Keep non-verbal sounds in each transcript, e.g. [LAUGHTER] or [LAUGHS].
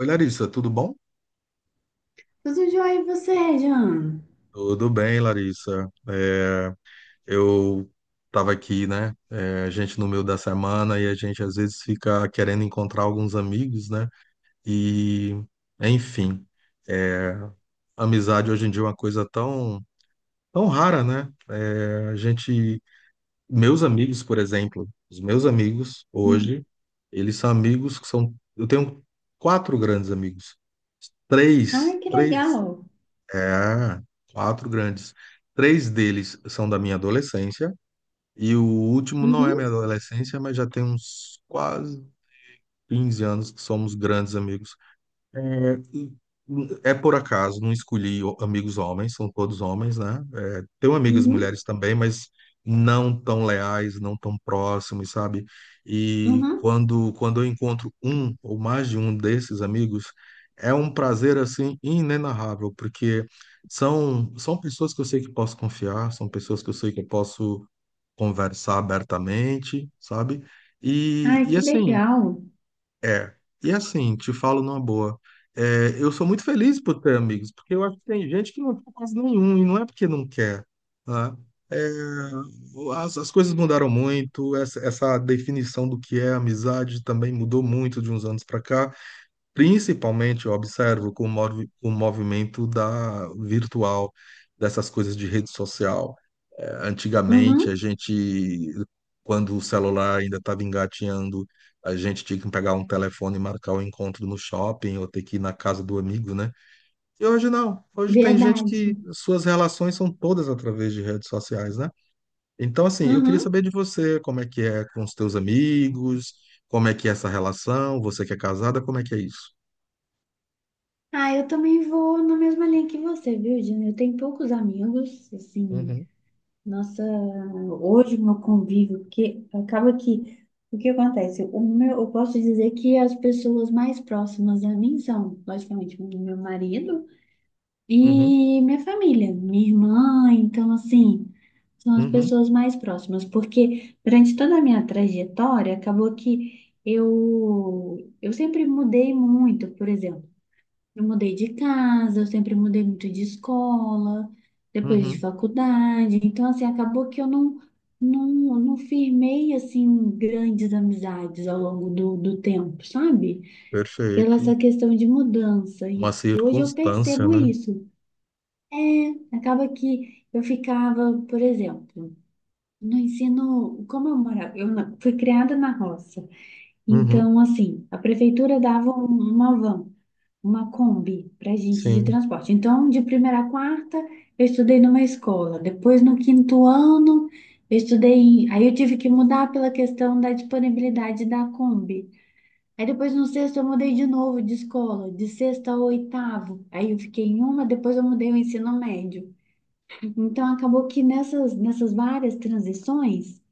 Oi, Larissa, tudo bom? Tudo jóia e você, Jean? Tudo bem, Larissa. Eu estava aqui, né? A gente no meio da semana e a gente às vezes fica querendo encontrar alguns amigos, né? E, enfim, é, amizade hoje em dia é uma coisa tão, tão rara, né? Meus amigos, por exemplo, os meus amigos Hum. hoje, eles são amigos que são. Eu tenho quatro grandes amigos, Ai, três, que três. legal. É, quatro grandes. Três deles são da minha adolescência, e o último não é minha Uhum, adolescência, mas já tem uns quase 15 anos que somos grandes amigos. É por acaso, não escolhi amigos homens, são todos homens, né? Tenho amigas uhum, mulheres também, mas não tão leais, não tão próximos, sabe? E uhum. quando eu encontro um ou mais de um desses amigos, é um prazer assim inenarrável, porque são pessoas que eu sei que posso confiar, são pessoas que eu sei que eu posso conversar abertamente, sabe? E, Ai, e que assim, legal. é. E assim, te falo numa boa. Eu sou muito feliz por ter amigos, porque eu acho que tem gente que não tem quase nenhum, e não é porque não quer, né? É, as coisas mudaram muito, essa definição do que é amizade também mudou muito de uns anos para cá. Principalmente, eu observo com o o movimento da virtual, dessas coisas de rede social. Antigamente, a Uhum, gente, quando o celular ainda estava engatinhando, a gente tinha que pegar um telefone e marcar o encontro no shopping ou ter que ir na casa do amigo, né? E hoje não. Hoje tem gente verdade. que suas relações são todas através de redes sociais, né? Então, assim, eu queria Uhum. saber de você, como é que é com os teus amigos, como é que é essa relação, você que é casada, como é que é isso? Ah, eu também vou na mesma linha que você, viu, Jean? Eu tenho poucos amigos, assim, nossa, hoje o meu convívio, porque acaba que, o que acontece? O meu, eu posso dizer que as pessoas mais próximas a mim são, logicamente, o meu marido, Uhum, e minha família, minha irmã, então assim, são as uhum, pessoas mais próximas, porque durante toda a minha trajetória, acabou que eu sempre mudei muito, por exemplo, eu mudei de casa, eu sempre mudei muito de escola, depois de uhum. faculdade, então assim, acabou que eu não firmei assim grandes amizades ao longo do tempo, sabe? Pela Perfeito. essa questão de mudança. E Uma hoje eu circunstância, percebo né? isso. É, acaba que eu ficava, por exemplo, no ensino, como eu morava, eu fui criada na roça. Uhum, Então, assim, a prefeitura dava uma van, uma Kombi para gente de sim. transporte. Então, de primeira a quarta, eu estudei numa escola. Depois, no quinto ano, eu estudei, aí, eu tive que mudar pela questão da disponibilidade da Kombi. Aí, depois, no sexto, eu mudei de novo de escola, de sexta a oitavo. Aí, eu fiquei em uma, depois, eu mudei o ensino médio. Então, acabou que nessas várias transições,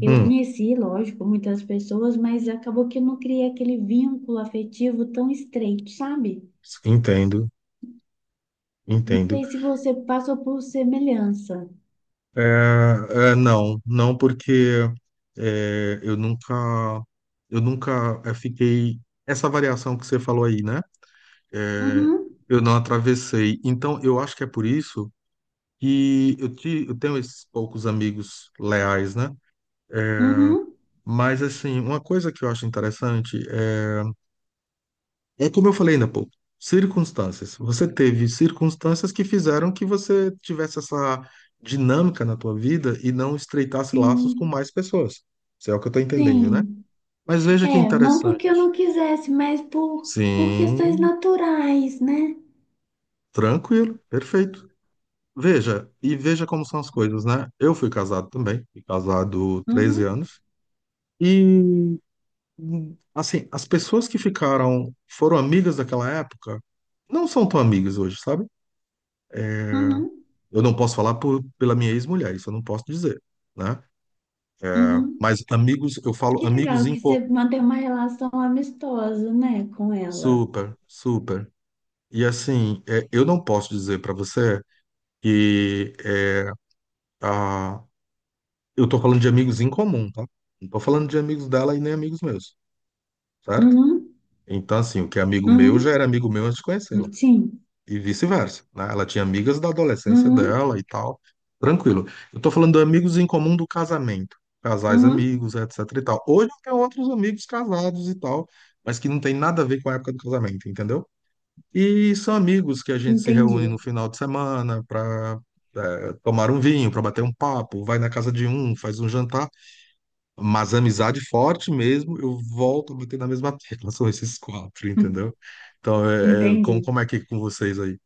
eu Hum, conheci, lógico, muitas pessoas, mas acabou que eu não criei aquele vínculo afetivo tão estreito, sabe? entendo, Não entendo. sei se você passou por semelhança. É, não, não porque é, eu nunca, eu nunca fiquei. Essa variação que você falou aí, né? É, Uhum, eu não atravessei. Então, eu acho que é por isso que eu tenho esses poucos amigos leais, né? uhum, Mas, assim, uma coisa que eu acho interessante é. Como eu falei ainda há pouco, circunstâncias. Você teve circunstâncias que fizeram que você tivesse essa dinâmica na tua vida e não estreitasse laços com sim, mais pessoas. Isso é o que eu estou entendendo, né? sim. Mas veja que É, não porque eu interessante. não quisesse, mas por questões Sim, naturais, né? tranquilo, perfeito. Veja, e veja como são as coisas, né? Eu fui casado também, fui casado 13 Uhum, anos. E, assim, as pessoas que ficaram, foram amigas daquela época, não são tão amigas hoje, sabe? uhum, Eu não posso falar pela minha ex-mulher, isso eu não posso dizer, né? uhum. Mas amigos, eu falo Que amigos legal em que você mantém uma relação amistosa, né, com ela. super, super. E assim, eu não posso dizer para você que é, a, eu tô falando de amigos em comum, tá? Não tô falando de amigos dela e nem amigos meus, certo? Uhum, Então, assim, o que é amigo meu já uhum. era amigo meu antes de conhecê-la. Sim. E vice-versa, né? Ela tinha amigas da adolescência Uhum, dela e tal, tranquilo. Eu tô falando de amigos em comum do casamento, casais uhum, amigos, etc e tal. Hoje eu tenho outros amigos casados e tal, mas que não tem nada a ver com a época do casamento, entendeu? E são amigos que a gente se reúne no entendi. [LAUGHS] final de semana para tomar um vinho, para bater um papo, vai na casa de um, faz um jantar, mas amizade forte mesmo, eu volto a bater na mesma [LAUGHS] tecla, são esses quatro, Hum. entendeu? Então, como, Entendi. como é que é com vocês aí?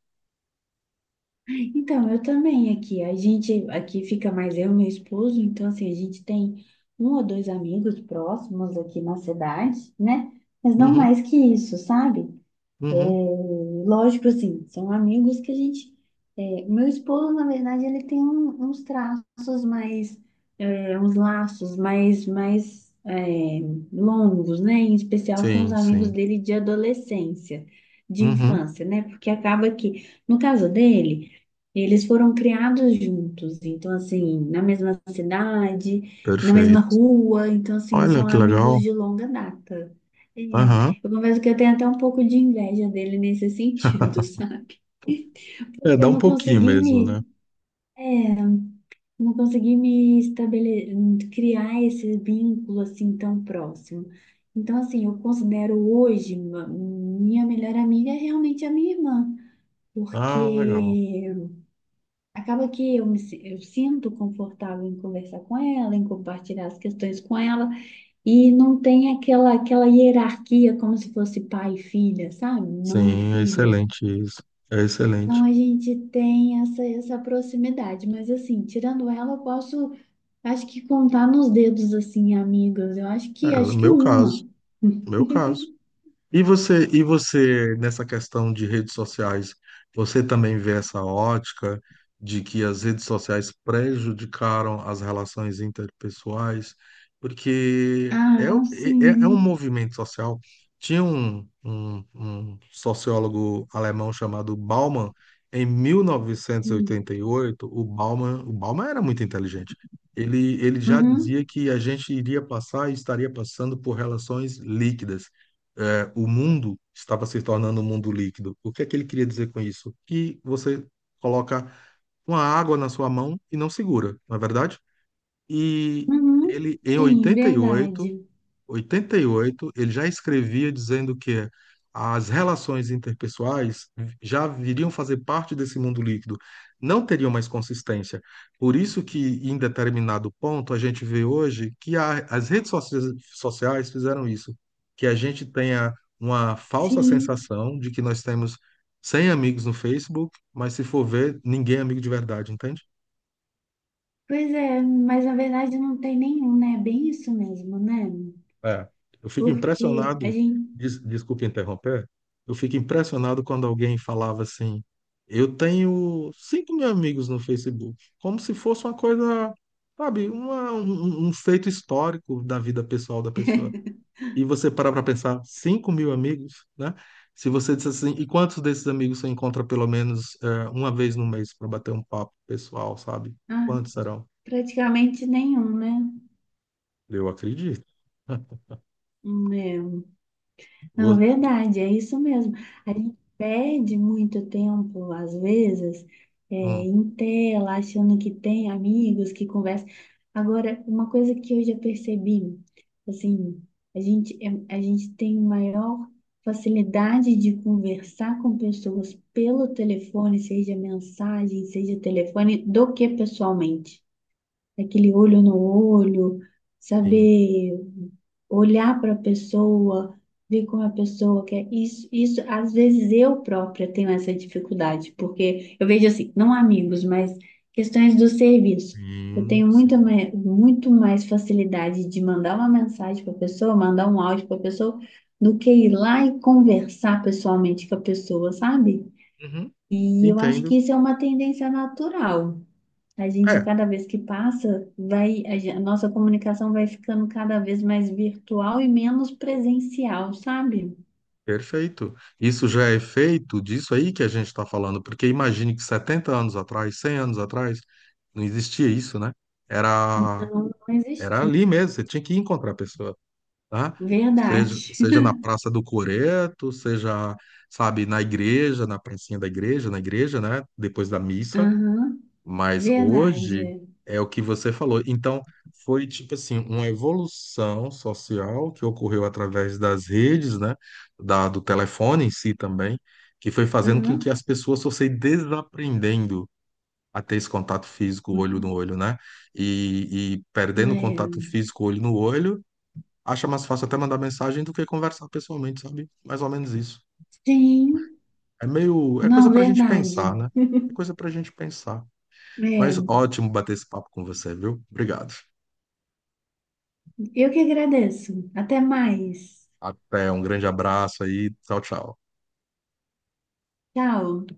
Então, eu também aqui. A gente aqui fica mais eu e meu esposo, então assim, a gente tem um ou dois amigos próximos aqui na cidade, né? Mas não mais que isso, sabe? É, Uhum. lógico, assim, são amigos que a gente. É, meu esposo, na verdade, ele tem uns traços mais, é, uns laços mais, longos, né? Em especial com os Sim, amigos sim. dele de adolescência, de Uhum. infância, né? Porque acaba que, no caso dele, eles foram criados juntos, então, assim, na mesma cidade, na mesma Perfeito. rua, então, assim, Olha são que amigos legal. de longa data. É, Aham. eu confesso que eu tenho até um pouco de inveja dele nesse sentido, [LAUGHS] [LAUGHS] sabe? Dá Eu um não pouquinho consegui mesmo, né? me, é, não consegui me estabelecer, criar esse vínculo assim tão próximo. Então, assim, eu considero hoje minha melhor amiga é realmente a minha irmã, Ah, legal. porque acaba que eu sinto confortável em conversar com ela, em compartilhar as questões com ela, e não tem aquela, hierarquia como se fosse pai e filha, sabe? Mãe e Sim, é filha. excelente isso. É Então excelente. a gente tem essa proximidade, mas assim, tirando ela, eu posso, acho que contar nos dedos, assim, amigas. Eu acho que, É, no acho que meu caso. uma. no Meu caso. E você, nessa questão de redes sociais, você também vê essa ótica de que as redes sociais prejudicaram as relações interpessoais? Porque Ah, um é um sim. movimento social. Tinha um sociólogo alemão chamado Bauman, em mil novecentos e Hum. oitenta e oito, o Bauman era muito inteligente. Ele já dizia Uhum, que a gente iria passar e estaria passando por relações líquidas. O mundo estava se tornando um mundo líquido. O que é que ele queria dizer com isso? Que você coloca uma água na sua mão e não segura, não é verdade? E uhum. ele, em Sim, oitenta e oito verdade. oitenta e oito ele já escrevia dizendo que as relações interpessoais já viriam fazer parte desse mundo líquido, não teriam mais consistência. Por isso que, em determinado ponto, a gente vê hoje que as redes sociais fizeram isso, que a gente tenha uma falsa Sim. sensação de que nós temos 100 amigos no Facebook, mas se for ver, ninguém é amigo de verdade, entende? Pois é, mas na verdade não tem nenhum, né? É bem isso mesmo, né? É, eu fico Porque a impressionado, gente, desculpa interromper, eu fico impressionado quando alguém falava assim, eu tenho 5.000 amigos no Facebook, como se fosse uma coisa, sabe, um feito histórico da vida pessoal da pessoa. E você parar para pensar, 5.000 amigos, né? Se você disser assim, e quantos desses amigos você encontra pelo menos uma vez no mês para bater um papo pessoal, sabe? ah, Quantos serão? praticamente nenhum, né? Eu acredito. É. Não, Vou- verdade, é isso mesmo. A gente perde muito tempo, às vezes, é, Hum, em tela, achando que tem amigos que conversam. Agora, uma coisa que eu já percebi, assim, a gente tem maior facilidade de conversar com pessoas pelo telefone, seja mensagem, seja telefone, do que pessoalmente aquele olho no olho, sim, saber olhar para a pessoa, ver como a pessoa quer. Isso, às vezes eu própria tenho essa dificuldade, porque eu vejo assim, não amigos, mas questões do serviço. Eu sim. tenho muito mais facilidade de mandar uma mensagem para a pessoa, mandar um áudio para a pessoa, do que ir lá e conversar pessoalmente com a pessoa, sabe? Sim. E eu acho que Entendo. isso é uma tendência natural. A gente, a É, cada vez que passa, vai, a nossa comunicação vai ficando cada vez mais virtual e menos presencial, sabe? perfeito. Isso já é feito disso aí que a gente está falando, porque imagine que 70 anos atrás, 100 anos atrás, não existia isso, né? Era, Não era existir. ali mesmo, você tinha que encontrar a pessoa, tá? Seja, Verdade. seja na Praça do Coreto, seja, sabe, na igreja, na pracinha da igreja, na igreja, né? Depois da [LAUGHS] missa, Aham. mas hoje Verdade. é o que você falou. Então, foi tipo assim, uma evolução social que ocorreu através das redes, né? Do telefone em si também, que foi fazendo com que Aham, as pessoas fossem desaprendendo a ter esse contato físico olho no uhum. olho, né? E perdendo o contato É. físico olho no olho, acha mais fácil até mandar mensagem do que conversar pessoalmente, sabe? Mais ou menos isso. Sim, É coisa não, pra gente pensar, verdade. né? É [LAUGHS] coisa pra gente pensar. Mas É, ótimo bater esse papo com você, viu? Obrigado. eu que agradeço. Até mais. Até, um grande abraço aí. Tchau, tchau. Tchau.